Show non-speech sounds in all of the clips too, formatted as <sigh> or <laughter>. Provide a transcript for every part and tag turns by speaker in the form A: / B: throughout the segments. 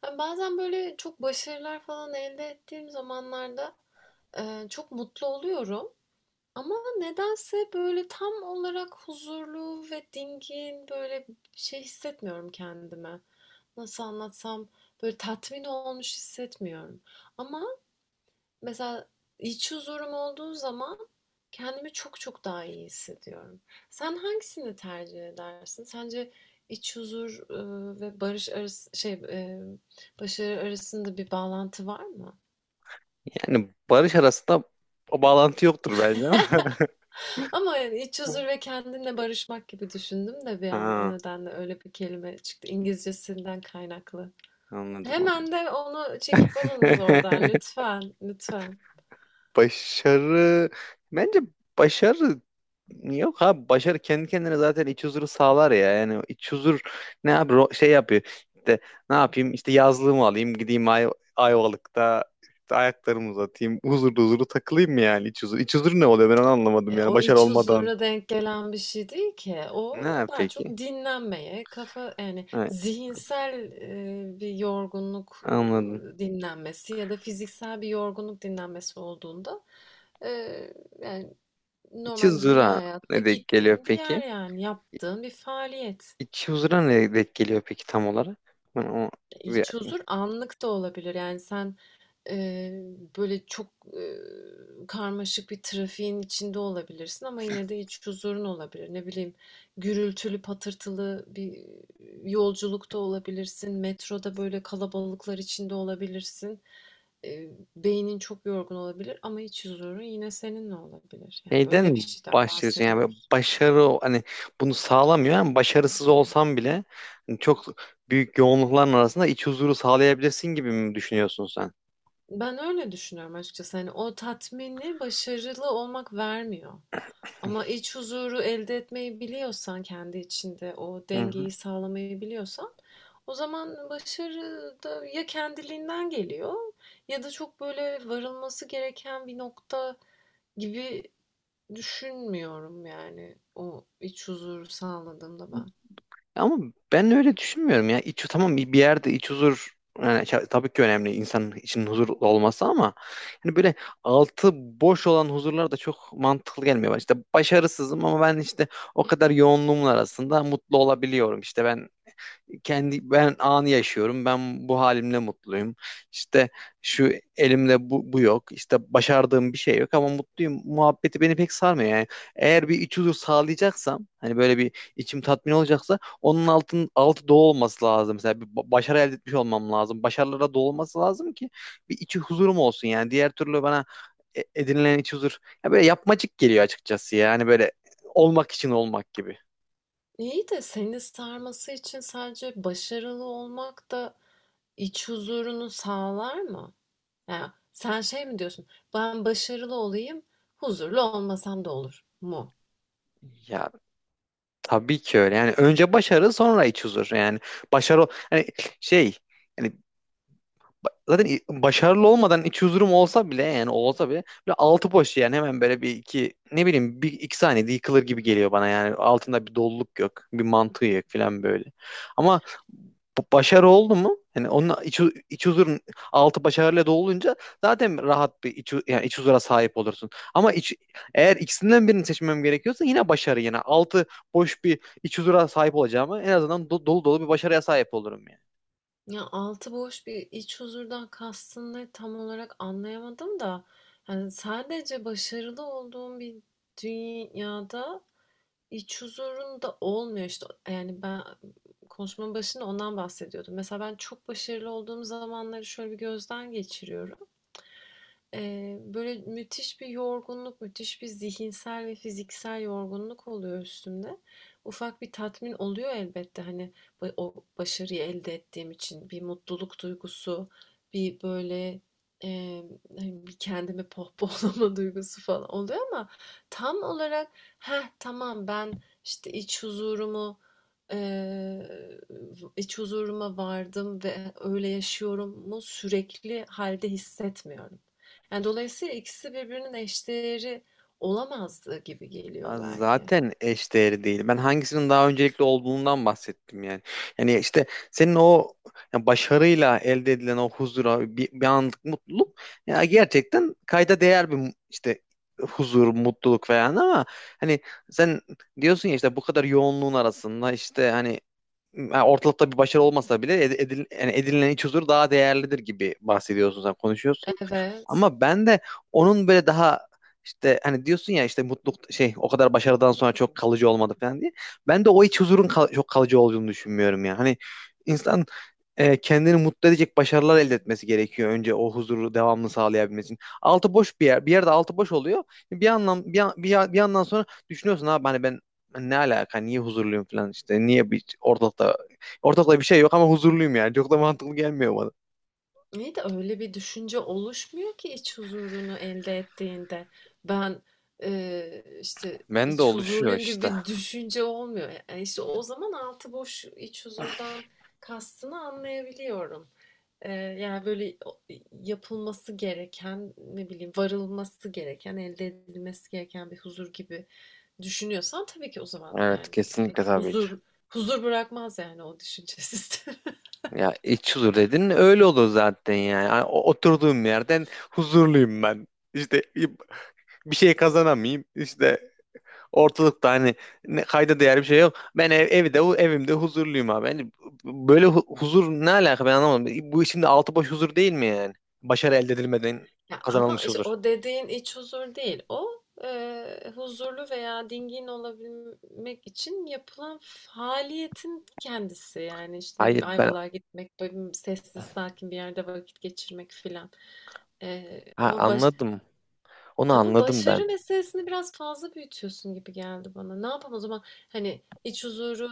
A: Ha, bazen böyle çok başarılar falan elde ettiğim zamanlarda, çok mutlu oluyorum ama nedense böyle tam olarak huzurlu ve dingin, böyle şey hissetmiyorum kendime. Nasıl anlatsam, böyle tatmin olmuş hissetmiyorum. Ama mesela iç huzurum olduğu zaman kendimi çok çok daha iyi hissediyorum. Sen hangisini tercih edersin? Sence iç huzur ve barış arası şey başarı arasında bir bağlantı var mı?
B: Yani barış arasında o bağlantı yoktur bence ama.
A: Ama yani iç huzur
B: <laughs>
A: ve kendinle barışmak gibi düşündüm de bir an, o
B: Ha,
A: nedenle öyle bir kelime çıktı, İngilizcesinden kaynaklı.
B: anladım
A: Hemen
B: anladım.
A: de onu çekip alınız oradan,
B: <laughs>
A: lütfen, lütfen.
B: Başarı bence başarı yok abi, başarı kendi kendine zaten iç huzuru sağlar ya. Yani iç huzur ne abi, şey yapıyor. İşte ne yapayım, işte yazlığımı alayım, gideyim Ayvalık'ta, işte ayaklarımı uzatayım, huzurlu huzurlu takılayım mı yani iç huzur. İç huzur ne oluyor, ben onu anlamadım
A: E,
B: yani,
A: o
B: başarı
A: iç
B: olmadan.
A: huzura denk gelen bir şey değil ki. O
B: Ne
A: daha çok
B: peki?
A: dinlenmeye, kafa yani
B: Ha,
A: zihinsel bir yorgunluk
B: anladım.
A: dinlenmesi ya da fiziksel bir yorgunluk dinlenmesi olduğunda, e, yani
B: İç
A: normal dünya
B: huzura
A: hayatında
B: ne denk geliyor
A: gittiğin bir yer,
B: peki?
A: yani yaptığın bir faaliyet.
B: İç huzura ne denk geliyor peki tam olarak? Yani o bir
A: İç huzur anlık da olabilir. Yani sen eee, böyle çok eee, karmaşık bir trafiğin içinde olabilirsin ama yine de iç huzurun olabilir. Ne bileyim, gürültülü patırtılı bir yolculukta olabilirsin. Metroda böyle kalabalıklar içinde olabilirsin. Beynin çok yorgun olabilir ama iç huzurun yine seninle olabilir. Yani
B: şeyden
A: öyle bir
B: mi
A: şeyden
B: başlıyorsun yani? Böyle
A: bahsediyoruz.
B: başarı hani bunu sağlamıyor ama başarısız olsan bile hani çok büyük yoğunlukların arasında iç huzuru sağlayabilirsin gibi mi düşünüyorsun sen?
A: Ben öyle düşünüyorum açıkçası. Hani o tatmini başarılı olmak vermiyor. Ama iç huzuru elde etmeyi biliyorsan, kendi içinde o
B: Hı hı.
A: dengeyi sağlamayı biliyorsan, o zaman başarı da ya kendiliğinden geliyor ya da çok böyle varılması gereken bir nokta gibi düşünmüyorum, yani o iç huzuru sağladığımda ben.
B: Ama ben öyle düşünmüyorum ya. İç, tamam, bir yerde iç huzur yani, tabii ki önemli insanın içinin huzur olması ama hani böyle altı boş olan huzurlar da çok mantıklı gelmiyor bana. İşte başarısızım ama ben işte o kadar yoğunluğumun arasında mutlu olabiliyorum. İşte ben kendi ben anı yaşıyorum. Ben bu halimle mutluyum. İşte şu elimde bu yok. İşte başardığım bir şey yok ama mutluyum muhabbeti beni pek sarmıyor yani. Eğer bir iç huzur sağlayacaksam, hani böyle bir içim tatmin olacaksa, onun altı dolu olması lazım. Mesela bir başarı elde etmiş olmam lazım. Başarılara dolu olması lazım ki bir iç huzurum olsun yani. Diğer türlü bana edinilen iç huzur ya böyle yapmacık geliyor açıkçası, yani böyle olmak için olmak gibi.
A: İyi de seni sarması için sadece başarılı olmak da iç huzurunu sağlar mı? Yani sen şey mi diyorsun? Ben başarılı olayım, huzurlu olmasam da olur mu?
B: Ya tabii ki öyle. Yani önce başarı sonra iç huzur. Yani başarı hani şey yani, zaten başarılı olmadan iç huzurum olsa bile, yani olsa bile, böyle altı boş yani, hemen böyle bir iki ne bileyim bir iki saniyede yıkılır gibi geliyor bana. Yani altında bir doluluk yok, bir mantığı yok falan böyle. Ama bu başarı oldu mu, yani onun iç huzurun altı başarıyla dolunca zaten rahat bir yani iç huzura sahip olursun. Ama iç, eğer ikisinden birini seçmem gerekiyorsa yine başarı, yani altı boş bir iç huzura sahip olacağıma en azından dolu dolu bir başarıya sahip olurum yani.
A: Ya, altı boş bir iç huzurdan kastın ne, tam olarak anlayamadım da, yani, sadece başarılı olduğum bir dünyada iç huzurun da olmuyor işte. Yani, ben konuşmanın başında ondan bahsediyordum. Mesela ben çok başarılı olduğum zamanları şöyle bir gözden geçiriyorum. Böyle müthiş bir yorgunluk, müthiş bir zihinsel ve fiziksel yorgunluk oluyor üstümde. Ufak bir tatmin oluyor elbette, hani o başarıyı elde ettiğim için bir mutluluk duygusu, bir böyle eee, hani bir kendimi pohpohlama <laughs> duygusu falan oluyor, ama tam olarak heh tamam ben işte iç huzurumu, eee, iç huzuruma vardım ve öyle yaşıyorum mu, sürekli halde hissetmiyorum. Yani dolayısıyla ikisi birbirinin eşdeğeri olamazdı gibi
B: Ya
A: geliyor belki.
B: zaten eşdeğeri değil. Ben hangisinin daha öncelikli olduğundan bahsettim yani. Yani işte senin o, ya başarıyla elde edilen o huzura bir anlık mutluluk, ya gerçekten kayda değer bir işte huzur, mutluluk falan ama hani sen diyorsun ya, işte bu kadar yoğunluğun arasında işte, hani, yani ortalıkta bir başarı olmasa bile, yani edinilen iç huzur daha değerlidir gibi bahsediyorsun, sen konuşuyorsun.
A: Evet.
B: Ama ben de onun böyle daha işte hani, diyorsun ya işte mutluluk şey o kadar başarıdan sonra çok kalıcı olmadı falan diye. Ben de o iç huzurun çok kalıcı olduğunu düşünmüyorum ya. Hani insan e, kendini mutlu edecek başarılar elde etmesi gerekiyor önce, o huzuru devamlı sağlayabilmesi için. Altı boş bir yer, Bir yerde altı boş oluyor. Bir anlam bir, an- bir, Bir yandan sonra düşünüyorsun abi, hani ben ne alaka niye huzurluyum falan, işte niye, bir ortalıkta ortalıkta bir şey yok ama huzurluyum, yani çok da mantıklı gelmiyor bana.
A: Niye de öyle bir düşünce oluşmuyor ki iç huzurunu elde ettiğinde? Ben, işte
B: Ben de
A: iç
B: oluşuyor
A: huzurluyum gibi
B: işte.
A: bir düşünce olmuyor. Yani işte o zaman altı boş iç huzurdan kastını anlayabiliyorum. Eee, Yani, böyle, yapılması gereken, ne bileyim, varılması gereken, elde edilmesi gereken bir huzur gibi düşünüyorsan, tabii ki o zaman,
B: Evet,
A: yani,
B: kesinlikle,
A: pek
B: tabii ki.
A: huzur bırakmaz, yani, o düşünce sistemi. <laughs>
B: Ya iç huzur dedin öyle olur zaten yani. Hani oturduğum yerden huzurluyum ben. İşte bir şey kazanamayayım, İşte ortalıkta hani ne, kayda değer bir şey yok. Ben ev, evde evimde huzurluyum abi. Hani böyle huzur ne alaka, ben anlamadım. Bu işin de altı boş huzur değil mi yani? Başarı elde edilmeden
A: Ya, ama,
B: kazanılmış
A: işte,
B: huzur.
A: o dediğin iç huzur değil. O, huzurlu veya dingin olabilmek için yapılan faaliyetin kendisi. Yani, işte, ne
B: Hayır,
A: bileyim,
B: ben
A: Ayvalık'a gitmek, böyle, sessiz sakin bir yerde vakit geçirmek filan. Eee,
B: ha,
A: ama baş
B: anladım. Onu
A: Ama
B: anladım
A: başarı
B: ben.
A: meselesini biraz fazla büyütüyorsun gibi geldi bana. Ne yapalım o zaman? Hani iç huzuru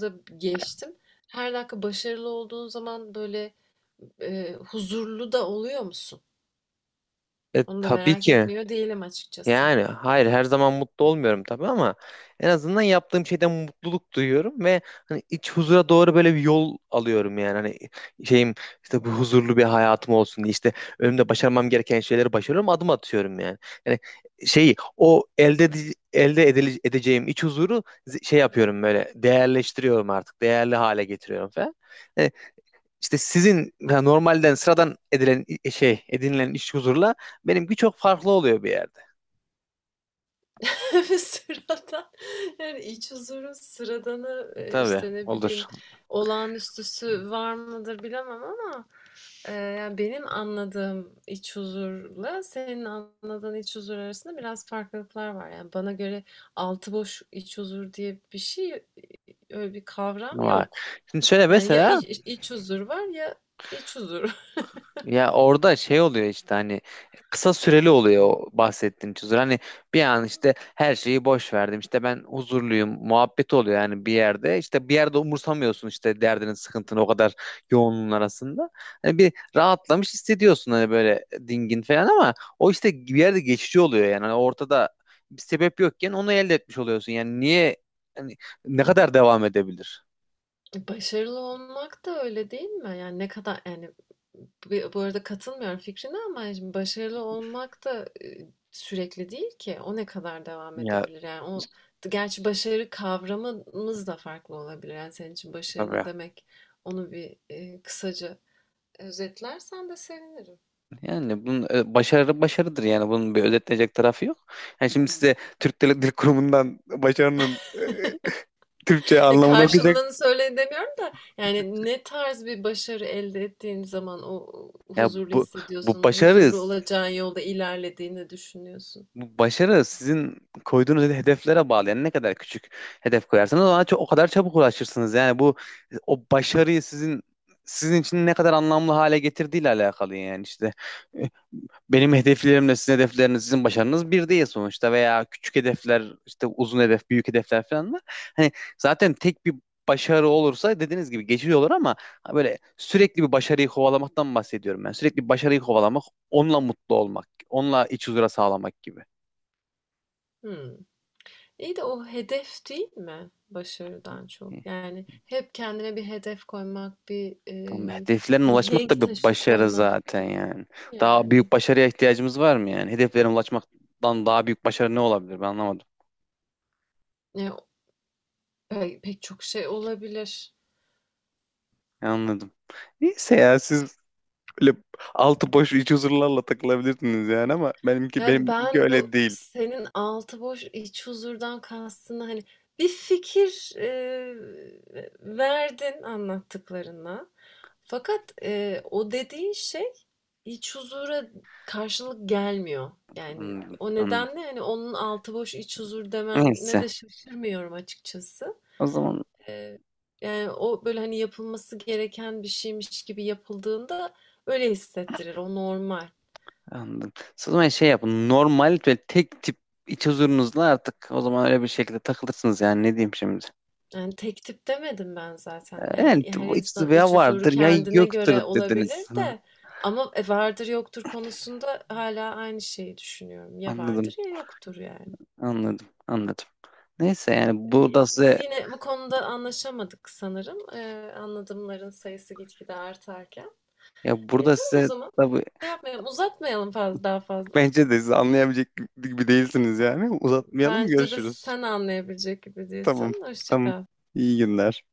A: da geçtim. Her dakika başarılı olduğun zaman böyle huzurlu da oluyor musun?
B: E,
A: Onu da
B: tabii
A: merak
B: ki.
A: etmiyor değilim açıkçası.
B: Yani hayır, her zaman mutlu olmuyorum tabii ama en azından yaptığım şeyden mutluluk duyuyorum ve hani iç huzura doğru böyle bir yol alıyorum yani. Hani şeyim, işte bu huzurlu bir hayatım olsun diye işte önümde başarmam gereken şeyleri başarıyorum, adım atıyorum yani. Yani şeyi o elde ede- elde edile- edeceğim iç huzuru şey yapıyorum böyle, değerleştiriyorum, artık değerli hale getiriyorum falan. Hani, İşte sizin yani normalden sıradan edilen şey, edinilen iş huzurla benimki çok farklı oluyor bir yerde.
A: <laughs> Bir sıradan, yani iç huzurun sıradanı
B: Tabii
A: işte ne
B: olur.
A: bileyim olağanüstüsü var mıdır bilemem ama yani, benim anladığım iç huzurla senin anladığın iç huzur arasında biraz farklılıklar var. Yani, bana göre altı boş iç huzur diye bir şey, öyle bir kavram
B: Var.
A: yok.
B: Şimdi şöyle
A: Yani, ya
B: mesela,
A: iç huzur var ya iç huzur.
B: ya orada şey oluyor işte, hani kısa süreli oluyor o bahsettiğin huzur. Hani bir an işte her şeyi boş verdim, işte ben huzurluyum muhabbet oluyor yani bir yerde. İşte bir yerde umursamıyorsun işte derdinin sıkıntını o kadar yoğunluğun arasında. Hani bir rahatlamış hissediyorsun, hani böyle dingin falan ama o işte bir yerde geçici oluyor yani. Hani ortada bir sebep yokken onu elde etmiş oluyorsun. Yani niye, hani ne kadar devam edebilir?
A: Başarılı olmak da öyle değil mi? Yani ne kadar, yani bu arada katılmıyorum fikrine, ama şimdi başarılı olmak da sürekli değil ki. O ne kadar devam
B: Ya
A: edebilir? Yani o, gerçi başarı kavramımız da farklı olabilir. Yani senin için başarı
B: tabii.
A: ne demek? Onu bir kısaca özetlersen de sevinirim.
B: Yani bunun başarı başarıdır yani, bunun bir özetlenecek tarafı yok. Yani şimdi size Dil Kurumu'ndan başarının Türkçe
A: Ya
B: anlamını okuyacak.
A: karşılığını söyleyin demiyorum da, yani ne tarz bir başarı elde ettiğin zaman o
B: Ya
A: huzurlu
B: bu, bu
A: hissediyorsun,
B: başarı
A: huzurlu olacağın yolda ilerlediğini düşünüyorsun.
B: bu başarı sizin koyduğunuz hedeflere bağlı. Yani ne kadar küçük hedef koyarsanız ona çok, o kadar çabuk ulaşırsınız. Yani bu o başarıyı sizin için ne kadar anlamlı hale getirdiğiyle alakalı yani işte. Benim hedeflerimle sizin hedefleriniz, sizin başarınız bir değil sonuçta. Veya küçük hedefler, işte uzun hedef, büyük hedefler falan var. Hani zaten tek bir başarı olursa dediğiniz gibi geçici olur ama ha, böyle sürekli bir başarıyı kovalamaktan bahsediyorum ben. Sürekli bir başarıyı kovalamak, onunla mutlu olmak, onunla iç huzura sağlamak gibi.
A: Hımm. İyi de o hedef değil mi başarıdan çok?
B: Hı.
A: Yani hep kendine bir hedef koymak, bir,
B: Tamam, hedeflerine ulaşmak da
A: mihenk
B: bir
A: taşı
B: başarı
A: koymak
B: zaten
A: gibi
B: yani.
A: mi
B: Daha
A: yani?
B: büyük başarıya ihtiyacımız var mı yani? Hedeflerine ulaşmaktan daha büyük başarı ne olabilir? Ben anlamadım.
A: Ya, pek çok şey olabilir.
B: Anladım. Neyse, ya siz böyle altı boş iç huzurlarla takılabilirsiniz yani ama benimki
A: Yani
B: benimki
A: ben
B: öyle
A: bu
B: değil.
A: senin altı boş, iç huzurdan kastını, hani, bir fikir, verdin anlattıklarına. Fakat, o dediğin şey iç huzura karşılık gelmiyor. Yani
B: Anladım,
A: o
B: anladım.
A: nedenle hani onun altı boş iç huzur demenine
B: Neyse.
A: de şaşırmıyorum açıkçası.
B: O zaman
A: Ee, yani o böyle hani yapılması gereken bir şeymiş gibi yapıldığında öyle hissettirir. O normal.
B: anladım. O zaman şey yapın, normal ve tek tip iç huzurunuzla artık o zaman öyle bir şekilde takılırsınız yani, ne diyeyim şimdi.
A: Yani tek tip demedim ben zaten.
B: Yani
A: Yani her
B: bu iç
A: insan
B: huzuru ya
A: iç huzuru
B: vardır ya
A: kendine
B: yoktur
A: göre olabilir
B: dediniz. <laughs> Ha,
A: de, ama vardır yoktur konusunda hala aynı şeyi düşünüyorum. Ya
B: anladım.
A: vardır ya yoktur yani.
B: Anladım. Anladım. Neyse, yani burada
A: Biz
B: size,
A: yine bu konuda anlaşamadık sanırım. Anladımların sayısı gitgide artarken.
B: ya
A: E,
B: burada
A: tamam o
B: size
A: zaman.
B: tabii,
A: Şey yapmayalım, uzatmayalım daha fazla.
B: bence de siz anlayabilecek gibi değilsiniz yani. Uzatmayalım,
A: Bence de
B: görüşürüz.
A: sen anlayabilecek gibi
B: Tamam.
A: değilsin. Hoşça
B: Tamam.
A: kal.
B: İyi günler.